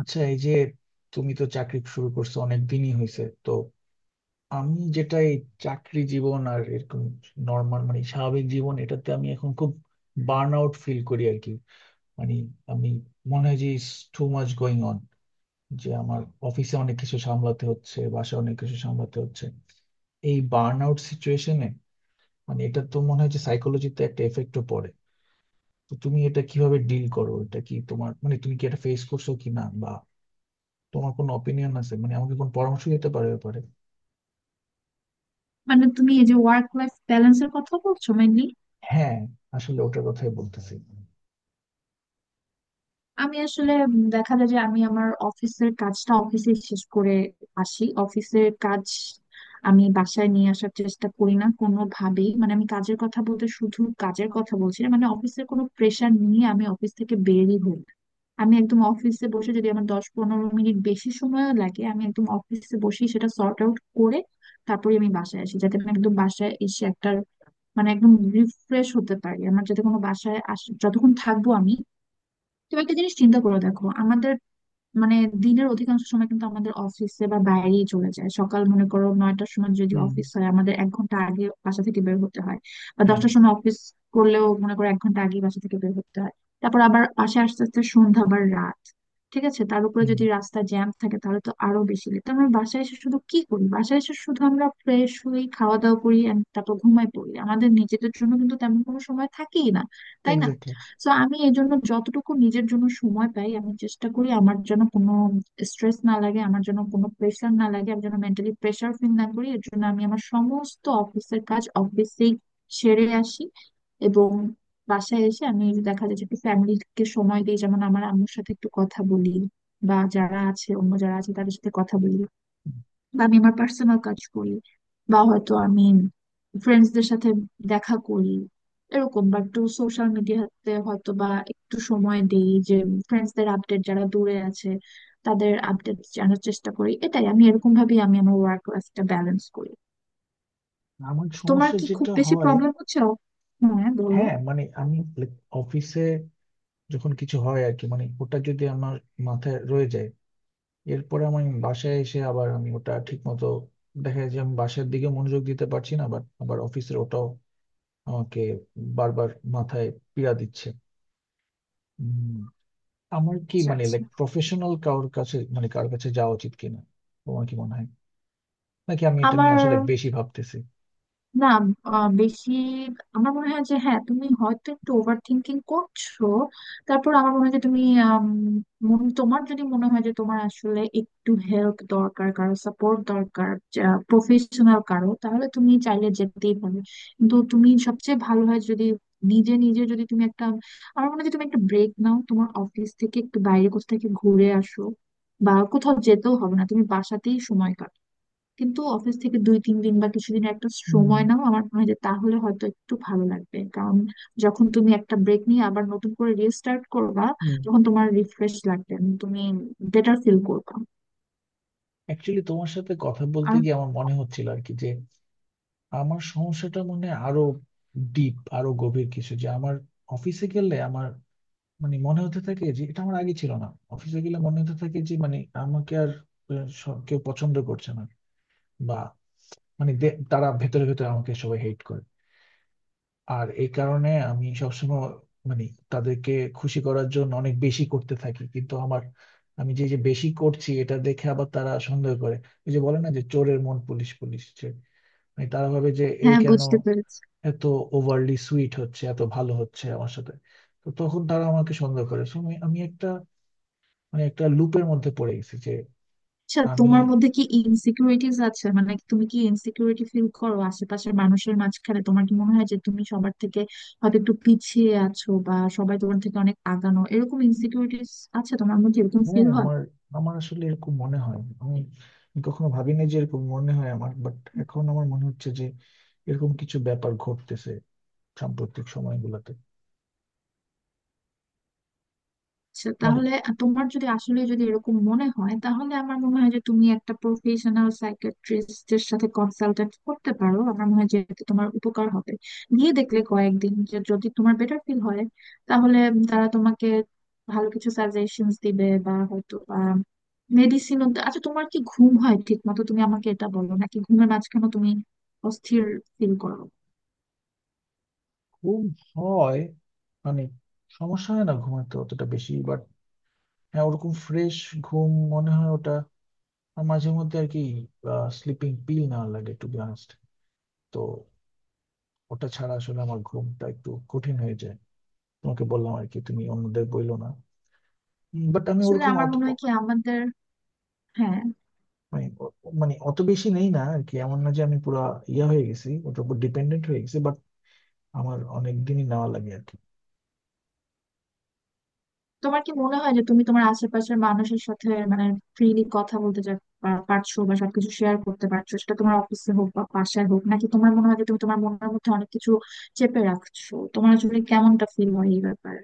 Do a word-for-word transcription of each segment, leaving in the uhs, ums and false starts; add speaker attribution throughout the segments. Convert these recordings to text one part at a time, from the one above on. Speaker 1: আচ্ছা, এই যে তুমি তো চাকরি শুরু করছো অনেক দিনই হয়েছে তো। আমি যেটা এই চাকরি জীবন আর এরকম নর্মাল মানে স্বাভাবিক জীবন, এটাতে আমি এখন খুব বার্ন আউট ফিল করি আর কি। মানে আমি মনে হয় যে টু মাচ গোয়িং অন, যে আমার অফিসে অনেক কিছু সামলাতে হচ্ছে, বাসায় অনেক কিছু সামলাতে হচ্ছে। এই বার্ন আউট সিচুয়েশনে মানে এটা তো মনে হয় যে সাইকোলজিতে একটা এফেক্টও পড়ে। তো তুমি এটা কিভাবে ডিল করো? এটা কি তোমার মানে তুমি কি এটা ফেস করছো কিনা, তোমার কোনো অপিনিয়ন আছে? মানে আমাকে কোন পরামর্শ দিতে পারো এ ব্যাপারে?
Speaker 2: মানে তুমি এই যে ওয়ার্ক লাইফ ব্যালেন্সের কথা বলছো মেনলি।
Speaker 1: হ্যাঁ। আসলে ওটার কথাই বলতেছি।
Speaker 2: আমি আসলে উম, দেখা যায় যে আমি আমার অফিসের কাজটা অফিসে শেষ করে আসি। অফিসের কাজ আমি বাসায় নিয়ে আসার চেষ্টা করি না কোনোভাবেই। মানে আমি কাজের কথা বলতে শুধু কাজের কথা বলছি না, মানে অফিসের কোনো প্রেশার নিয়ে আমি অফিস থেকে বেরই হই না। আমি একদম অফিসে বসে যদি আমার দশ পনেরো মিনিট বেশি সময় লাগে আমি একদম অফিসে বসেই সেটা সর্ট আউট করে তারপরে আমি বাসায় আসি, যাতে আমি একদম বাসায় এসে একটা মানে একদম রিফ্রেশ হতে পারি। আমার যাতে কোনো বাসায় আস যতক্ষণ থাকবো আমি তুমি একটা জিনিস চিন্তা করে দেখো আমাদের মানে দিনের অধিকাংশ সময় কিন্তু আমাদের অফিসে বা বাইরেই চলে যায়। সকাল মনে করো নয়টার সময় যদি
Speaker 1: হুম।
Speaker 2: অফিস হয় আমাদের এক ঘন্টা আগে বাসা থেকে বের হতে হয়, বা
Speaker 1: হ্যাঁ।
Speaker 2: দশটার সময় অফিস করলেও মনে করো এক ঘন্টা আগে বাসা থেকে বের হতে হয়। তারপর আবার বাসায় আস্তে আস্তে সন্ধ্যা আবার রাত, ঠিক আছে? তার উপরে
Speaker 1: হুম।
Speaker 2: যদি রাস্তা জ্যাম থাকে তাহলে তো আরো বেশি লেট। তো আমরা বাসায় এসে শুধু কি করি, বাসায় এসে শুধু আমরা ফ্রেশ হই, খাওয়া দাওয়া করি and তারপর ঘুমায় পড়ি। আমাদের নিজেদের জন্য কিন্তু তেমন কোনো সময় থাকেই না, তাই না?
Speaker 1: এক্স্যাক্টলি।
Speaker 2: সো আমি এই জন্য যতটুকু নিজের জন্য সময় পাই আমি চেষ্টা করি আমার যেন কোনো স্ট্রেস না লাগে, আমার যেন কোনো প্রেশার না লাগে, আমি যেন মেন্টালি প্রেশার ফিল না করি। এর জন্য আমি আমার সমস্ত অফিসের কাজ অফিসেই সেরে আসি, এবং বাসায় এসে আমি দেখা যায় যে একটু ফ্যামিলিকে সময় দিই, যেমন আমার আম্মুর সাথে একটু কথা বলি, বা যারা আছে অন্য যারা আছে তাদের সাথে কথা বলি, বা আমি আমার পার্সোনাল কাজ করি, বা হয়তো আমি ফ্রেন্ডসদের সাথে দেখা করি এরকম, বা একটু সোশ্যাল মিডিয়াতে হয়তো বা একটু সময় দেই যে ফ্রেন্ডসদের আপডেট, যারা দূরে আছে তাদের আপডেট জানার চেষ্টা করি। এটাই, আমি এরকম ভাবেই আমি আমার ওয়ার্ক লাইফটা ব্যালেন্স করি।
Speaker 1: আমার
Speaker 2: তোমার
Speaker 1: সমস্যা
Speaker 2: কি খুব
Speaker 1: যেটা
Speaker 2: বেশি
Speaker 1: হয়,
Speaker 2: প্রবলেম হচ্ছে? হ্যাঁ বলো।
Speaker 1: হ্যাঁ মানে আমি অফিসে যখন কিছু হয় আর কি, মানে ওটা যদি আমার মাথায় রয়ে যায়, এরপরে আমি বাসায় এসে আবার আমি ওটা ঠিক মতো দেখা যায় যে আমি বাসার দিকে মনোযোগ দিতে পারছি না, বাট আবার অফিসের ওটাও আমাকে বারবার মাথায় পীড়া দিচ্ছে। আমার কি
Speaker 2: আচ্ছা,
Speaker 1: মানে
Speaker 2: আচ্ছা।
Speaker 1: লাইক প্রফেশনাল কারোর কাছে মানে কারোর কাছে যাওয়া উচিত কিনা, তোমার কি মনে হয়? নাকি আমি এটা নিয়ে
Speaker 2: আমার
Speaker 1: আসলে বেশি ভাবতেছি?
Speaker 2: না আহ, বেশি আমার মনে হয় যে হ্যাঁ তুমি হয়তো একটু ওভার থিঙ্কিং করছো। তারপর আমার মনে হয় যে তুমি আম, মন- তোমার যদি মনে হয় যে তোমার আসলে একটু হেল্প দরকার, কারো সাপোর্ট দরকার, প্রফেশনাল কারো, তাহলে তুমি চাইলে যেতেই পারো। কিন্তু তুমি সবচেয়ে ভালো হয় যদি নিজে নিজে যদি তুমি একটা আমার মনে হয় যে তুমি একটা ব্রেক নাও, তোমার অফিস থেকে একটু বাইরে কোথাও থেকে ঘুরে আসো, বা কোথাও যেতেও হবে না, তুমি বাসাতেই সময় কাটাও, কিন্তু অফিস থেকে দুই তিন দিন বা কিছুদিন একটা
Speaker 1: হুম।
Speaker 2: সময় নাও। আমার মনে হয় যে তাহলে হয়তো একটু ভালো লাগবে, কারণ যখন তুমি একটা ব্রেক নিয়ে আবার নতুন করে রিস্টার্ট করবা
Speaker 1: হুম।
Speaker 2: তখন তোমার রিফ্রেশ লাগবে এবং তুমি বেটার ফিল করবা।
Speaker 1: অ্যাকচুয়ালি তোমার সাথে কথা বলতে
Speaker 2: আর
Speaker 1: গিয়ে আমার মনে হচ্ছিল আর কি যে আমার সমস্যাটা মনে হয় আরো ডিপ আরো গভীর কিছু। যে আমার অফিসে গেলে আমার মানে মনে হতে থাকে যে এটা আমার আগে ছিল না, অফিসে গেলে মনে হতে থাকে যে মানে আমাকে আর আহ, স- কেউ পছন্দ করছে না। বা মানে দে- তারা ভেতরে ভেতরে আমাকে সবাই হেট করে। আর এই কারণে আমি সবসময় মানে তাদেরকে খুশি করার জন্য অনেক বেশি করতে থাকি, কিন্তু আমার আমি যে যে বেশি করছি এটা দেখে আবার তারা সন্দেহ করে। ওই যে বলে না যে চোরের মন পুলিশ পুলিশ, যে মানে তারা ভাবে যে এ
Speaker 2: হ্যাঁ,
Speaker 1: কেন
Speaker 2: বুঝতে পেরেছি।
Speaker 1: এত ওভারলি সুইট হচ্ছে, এত ভালো হচ্ছে আমার সাথে। তো তখন তারা আমাকে সন্দেহ করে। So, আমি আমি একটা মানে একটা লুপের মধ্যে পড়ে গেছি যে
Speaker 2: আচ্ছা
Speaker 1: আমি।
Speaker 2: তোমার মধ্যে কি ইনসিকিউরিটিজ আছে? মানে তুমি কি ইনসিকিউরিটি ফিল করো আশেপাশের মানুষের মাঝখানে? তোমার কি মনে হয় যে তুমি সবার থেকে হয়তো একটু পিছিয়ে আছো, বা সবাই তোমার থেকে অনেক আগানো, এরকম ইনসিকিউরিটিজ আছে তোমার মধ্যে, এরকম
Speaker 1: হ্যাঁ
Speaker 2: ফিল হয়?
Speaker 1: আমার আমার আসলে এরকম মনে হয়। আমি কখনো ভাবিনি যে এরকম মনে হয় আমার, বাট এখন আমার মনে হচ্ছে যে এরকম কিছু ব্যাপার ঘটতেছে সাম্প্রতিক সময়গুলোতে।
Speaker 2: আচ্ছা
Speaker 1: মানে
Speaker 2: তাহলে তোমার যদি আসলে যদি এরকম মনে হয় তাহলে আমার মনে হয় যে তুমি একটা প্রফেশনাল সাইকিয়াট্রিস্টের সাথে কনসালটেন্ট করতে পারো। আমার মনে হয় যে এতে তোমার উপকার হবে। গিয়ে দেখলে কয়েকদিন, যে যদি তোমার বেটার ফিল হয় তাহলে তারা তোমাকে ভালো কিছু সাজেশনস দিবে বা হয়তো বা মেডিসিনও। আচ্ছা তোমার কি ঘুম হয় ঠিক মতো, তুমি আমাকে এটা বলো, নাকি ঘুমের মাঝখানে তুমি অস্থির ফিল করো?
Speaker 1: ঘুম হয়, মানে সমস্যা হয় না ঘুমাতে অতটা বেশি, বাট হ্যাঁ ওরকম ফ্রেশ ঘুম মনে হয় ওটা। আর মাঝে মধ্যে আর কি স্লিপিং পিল না লাগে টু বি অনেস্ট। তো ওটা ছাড়া আসলে আমার ঘুমটা একটু কঠিন হয়ে যায়। তোমাকে বললাম আর কি, তুমি অন্যদের বইলো না। বাট আমি
Speaker 2: আসলে
Speaker 1: ওরকম
Speaker 2: আমার মনে হয় কি আমাদের হ্যাঁ
Speaker 1: মানে ও- মানে অত বেশি নেই না আর কি, এমন না যে আমি পুরা ইয়া হয়ে গেছি ওটার উপর ডিপেন্ডেন্ট হয়ে গেছি, বাট আমার অনেক দিনই নেওয়া লাগে আর কি।
Speaker 2: তোমার কি মনে হয় যে তুমি তোমার আশেপাশের মানুষের সাথে মানে ফ্রিলি কথা বলতে যা- পা- পারছো, বা সবকিছু শেয়ার করতে পারছো, সেটা তোমার অফিসে হোক বা বাসায় হোক, নাকি তোমার মনে হয় যে তুমি তোমার মনের মধ্যে অনেক কিছু চেপে রাখছো? তোমার আসলে কেমনটা ফিল হয় এই ব্যাপারে?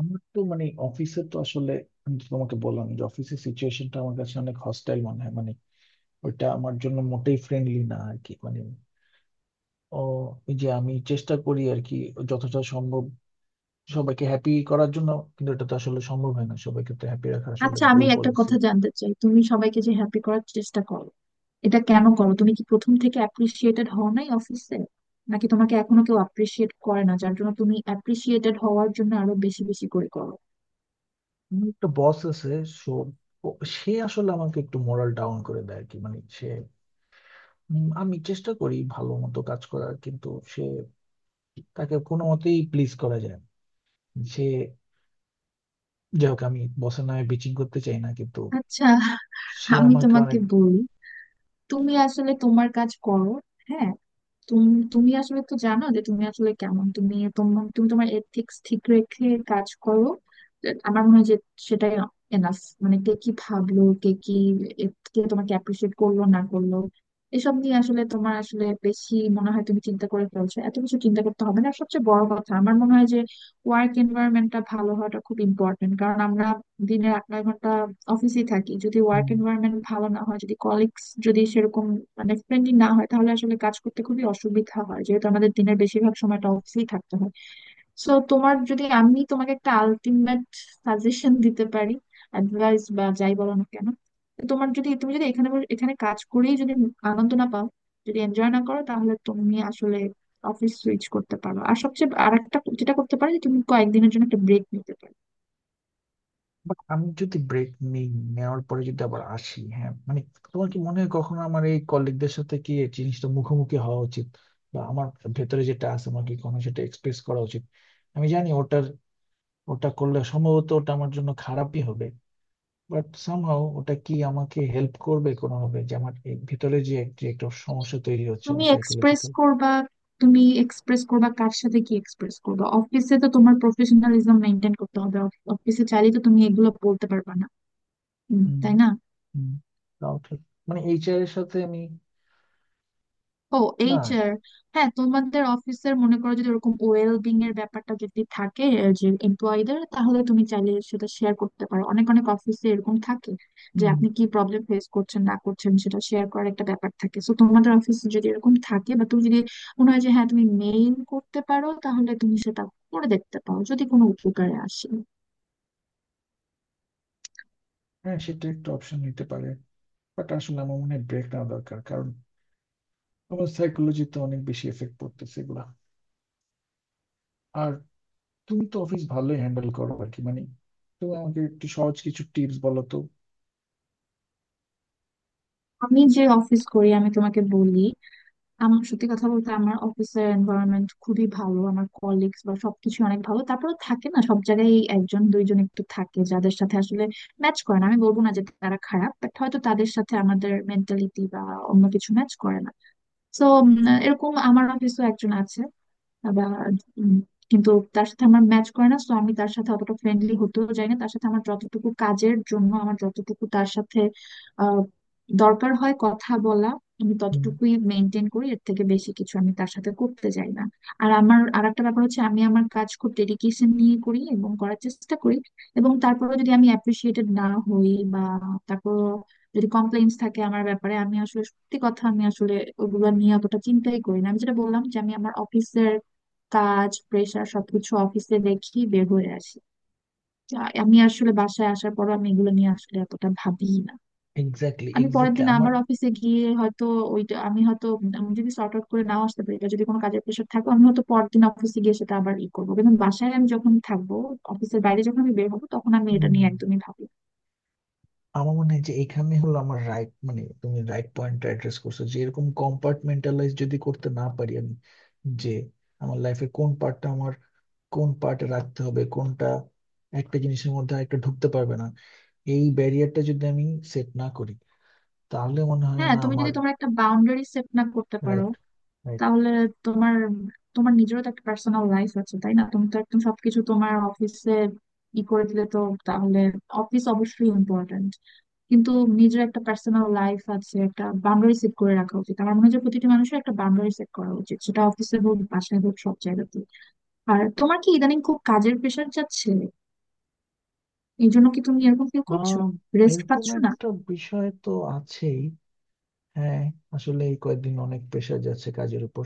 Speaker 1: আমার তো মানে অফিসে তো আসলে আমি তো তোমাকে বললাম যে অফিসের সিচুয়েশনটা আমার কাছে অনেক হস্টাইল মনে হয়। মানে ওইটা আমার জন্য মোটেই ফ্রেন্ডলি না আর কি। মানে ও, এই যে আমি চেষ্টা করি আর কি যতটা সম্ভব সবাইকে হ্যাপি করার জন্য, কিন্তু এটা তো আসলে সম্ভব হয় না। সবাইকে তো হ্যাপি রাখা আসলে
Speaker 2: আচ্ছা
Speaker 1: ভুল
Speaker 2: আমি একটা
Speaker 1: পলিসি।
Speaker 2: কথা জানতে চাই, তুমি সবাইকে যে হ্যাপি করার চেষ্টা করো, এটা কেন করো? তুমি কি প্রথম থেকে অ্যাপ্রিসিয়েটেড হও নাই অফিসে, নাকি তোমাকে এখনো কেউ অ্যাপ্রিসিয়েট করে না, যার জন্য তুমি অ্যাপ্রিসিয়েটেড হওয়ার জন্য আরো বেশি বেশি করে করো?
Speaker 1: আমার একটা বস আছে। সো ও- সে আসলে আমাকে একটু মোরাল ডাউন করে দেয় আর কি। মানে উম, আমি চেষ্টা করি ভালো মতো কাজ করার, কিন্তু সে তাকে কোনো মতেই প্লিজ করা যায় না। সে, যাই হোক, আমি বসের নামে বিচিং করতে চাই না, কিন্তু
Speaker 2: আচ্ছা,
Speaker 1: সে
Speaker 2: আমি
Speaker 1: আমাকে
Speaker 2: তোমাকে
Speaker 1: অনেক।
Speaker 2: বলি, তুমি আসলে তোমার কাজ করো। হ্যাঁ, তুমি তুমি আসলে তো জানো যে তুমি আসলে কেমন। তুমি তোমার তুমি তোমার এথিক্স ঠিক রেখে কাজ করো, আমার মনে হয় যে সেটাই এনাফ। মানে কে কি ভাবলো, কে কি এ- কে তোমাকে অ্যাপ্রিসিয়েট করলো না করলো, এসব নিয়ে আসলে তোমার আসলে বেশি মনে হয় তুমি চিন্তা করে ফেলছো। এত কিছু চিন্তা করতে হবে না। আর সবচেয়ে বড় কথা আমার মনে হয় যে ওয়ার্ক এনভায়রনমেন্টটা ভালো হওয়াটা খুব ইম্পর্টেন্ট, কারণ আমরা দিনে আট নয় ঘন্টা অফিসেই থাকি। যদি ওয়ার্ক এনভায়রনমেন্ট ভালো না হয়, যদি কলিগস যদি সেরকম মানে ফ্রেন্ডলি না হয় তাহলে আসলে কাজ করতে খুবই অসুবিধা হয়, যেহেতু আমাদের দিনের বেশিরভাগ সময়টা অফিসেই থাকতে হয়। সো তোমার যদি আমি তোমাকে একটা আলটিমেট সাজেশন দিতে পারি, অ্যাডভাইস বা যাই বলো না কেন, তো তোমার যদি তুমি যদি এখানে বসে- এখানে কাজ করেই যদি আনন্দ না পাও, যদি এনজয় না করো, তাহলে তুমি আসলে অফিস সুইচ করতে পারো। আর সবচেয়ে আর একটা যেটা করতে পারো যে তুমি কয়েকদিনের জন্য একটা ব্রেক নিতে পারো।
Speaker 1: বাট আমি যদি ব্রেক নিই নেওয়ার পরে যদি আবার আসি, হ্যাঁ মানে তোমার কি মনে হয় কখনো আমার এই কলিগদের সাথে কি এই জিনিসটা মুখোমুখি হওয়া উচিত? বা আমার ভেতরে যেটা আছে আমাকে কখনো সেটা এক্সপ্রেস করা উচিত? আমি জানি ওটার ওটা করলে সম্ভবত ওটা আমার জন্য খারাপই হবে, বাট সামহাও ওটা কি আমাকে হেল্প করবে কোনোভাবে, যে আমার এই ভিতরে যে এক- যে একটা সমস্যা তৈরি হচ্ছে
Speaker 2: তুমি
Speaker 1: আমার
Speaker 2: এক্সপ্রেস
Speaker 1: সাইকোলজিক্যাল।
Speaker 2: করবা তুমি এক্সপ্রেস করবা কার সাথে, কি এক্সপ্রেস করবা? অফিসে তো তোমার প্রফেশনালিজম মেনটেন করতে হবে, অফিসে চাইলে তো তুমি এগুলো বলতে পারবা না, উম,
Speaker 1: হুম।
Speaker 2: তাই না?
Speaker 1: হুম। তাও ঠিক। মানে এইচআর এর সাথে আমি।
Speaker 2: ও
Speaker 1: না।
Speaker 2: এইচআর, হ্যাঁ, তোমাদের অফিসের মনে করো যদি ওরকম ওয়েলবিং এর ব্যাপারটা যদি থাকে, আহ, যে এমপ্লয়ীদের, তাহলে তুমি চাইলে সেটা শেয়ার করতে পারো। অনেক অনেক অফিসে এরকম থাকে যে
Speaker 1: হুম।
Speaker 2: আপনি কি প্রবলেম ফেস করছেন না করছেন সেটা শেয়ার করার একটা ব্যাপার থাকে। সো তোমাদের অফিসে যদি এরকম থাকে বা তুমি যদি মনে হয় যে হ্যাঁ তুমি মেইল করতে পারো, তাহলে তুমি সেটা করে দেখতে পারো যদি কোনো উপকারে আসে।
Speaker 1: হ্যাঁ সেটা একটা অপশন নিতে পারে, বাট আসলে আমার মনে হয় ব্রেক নেওয়া দরকার, কারণ আমার সাইকোলজিতে অনেক বেশি এফেক্ট পড়তেছে এগুলা। আর তুমি তো অফিস ভালোই হ্যান্ডেল করো আর কি। মানে তুমি আমাকে একটু সহজ কিছু টিপস বলো তো।
Speaker 2: আমি যে অফিস করি আমি তোমাকে বলি, আমার সত্যি কথা বলতে আমার অফিসের এনভায়রনমেন্ট খুবই ভালো, আমার কলিগস বা সবকিছু অনেক ভালো। তারপরে থাকে না সব জায়গায় একজন দুইজন একটু থাকে যাদের সাথে আসলে ম্যাচ করে না, আমি বলবো না যে তারা খারাপ, বাট হয়তো তাদের সাথে আমাদের মেন্টালিটি বা অন্য কিছু ম্যাচ করে না। তো এরকম আমার অফিসও একজন আছে আবার, উম, কিন্তু তার সাথে আমার ম্যাচ করে না, তো আমি তার সাথে অতটা ফ্রেন্ডলি হতেও চাই না। তার সাথে আমার যতটুকু কাজের জন্য আমার যতটুকু তার সাথে আহ, দরকার হয় কথা বলা আমি
Speaker 1: হুম।
Speaker 2: ততটুকুই মেনটেন করি, এর থেকে বেশি কিছু আমি তার সাথে করতে চাই না। আর আমার আরেকটা ব্যাপার হচ্ছে আমি আমার কাজ খুব ডেডিকেশন নিয়ে করি এবং করার চেষ্টা করি, এবং তারপরে যদি আমি অ্যাপ্রিসিয়েটেড না হই, বা তারপর যদি কমপ্লেইন্স থাকে আমার ব্যাপারে, আমি আসলে সত্যি কথা আমি আসলে ওগুলো নিয়ে অতটা চিন্তাই করি না। আমি যেটা বললাম যে আমি আমার অফিসের কাজ প্রেশার সবকিছু অফিসে দেখি বের হয়ে আসি। আ- আমি আসলে বাসায় আসার পর আমি এগুলো নিয়ে আসলে এতটা ভাবি না।
Speaker 1: এক্স্যাক্টলি,
Speaker 2: আমি পরের
Speaker 1: এক্স্যাক্টলি।
Speaker 2: দিন
Speaker 1: আমার।
Speaker 2: আবার অফিসে গিয়ে হয়তো ওইটা আমি হয়তো উম আমি যদি সর্ট আউট করে নাও আসতে পারি, বা যদি কোনো কাজের প্রেশার থাকে আমি হয়তো পরের দিন অফিসে গিয়ে সেটা আবার ই করবো। কিন্তু বাসায় আমি যখন থাকবো, অফিসের বাইরে যখন আমি বের হবো, তখন আমি এটা
Speaker 1: হুম।
Speaker 2: নিয়ে একদমই ভাবি না।
Speaker 1: আমার মনে হয় যে এখানে হলো আমার রাইট, মানে তুমি রাইট পয়েন্টটা অ্যাড্রেস করছো, যে এরকম কম্পার্টমেন্টালাইজ যদি করতে না পারি আমি, যে আমার লাইফের কোন পার্টটা আমার কোন পার্টে রাখতে হবে, কোনটা একটা জিনিসের মধ্যে একটা ঢুকতে পারবে না, এই ব্যারিয়ারটা যদি আমি সেট না করি, তাহলে মনে হয়
Speaker 2: হ্যাঁ
Speaker 1: না
Speaker 2: তুমি
Speaker 1: আমার।
Speaker 2: যদি তোমার একটা বাউন্ডারি সেট না করতে পারো
Speaker 1: রাইট, রাইট।
Speaker 2: তাহলে তোমার তোমার নিজেরও তো একটা পার্সোনাল লাইফ আছে, তাই না? তুমি তো একদম সবকিছু তোমার অফিসে ই করে দিলে তো, তাহলে অফিস অবশ্যই ইম্পর্ট্যান্ট, কিন্তু নিজের একটা পার্সোনাল লাইফ আছে, একটা বাউন্ডারি সেট করে রাখা উচিত। আমার মনে হয় যে প্রতিটি মানুষের একটা বাউন্ডারি সেট করা উচিত, সেটা অফিসে হোক বাসায় হোক সব জায়গাতে। আর তোমার কি ইদানিং খুব কাজের প্রেশার যাচ্ছে? এই জন্য কি তুমি এরকম ফিল করছো,
Speaker 1: আহ,
Speaker 2: রেস্ট
Speaker 1: এরকম
Speaker 2: পাচ্ছ না?
Speaker 1: একটা বিষয় তো আছেই। হ্যাঁ। আসলে এই কয়েকদিন অনেক প্রেশার যাচ্ছে কাজের উপর।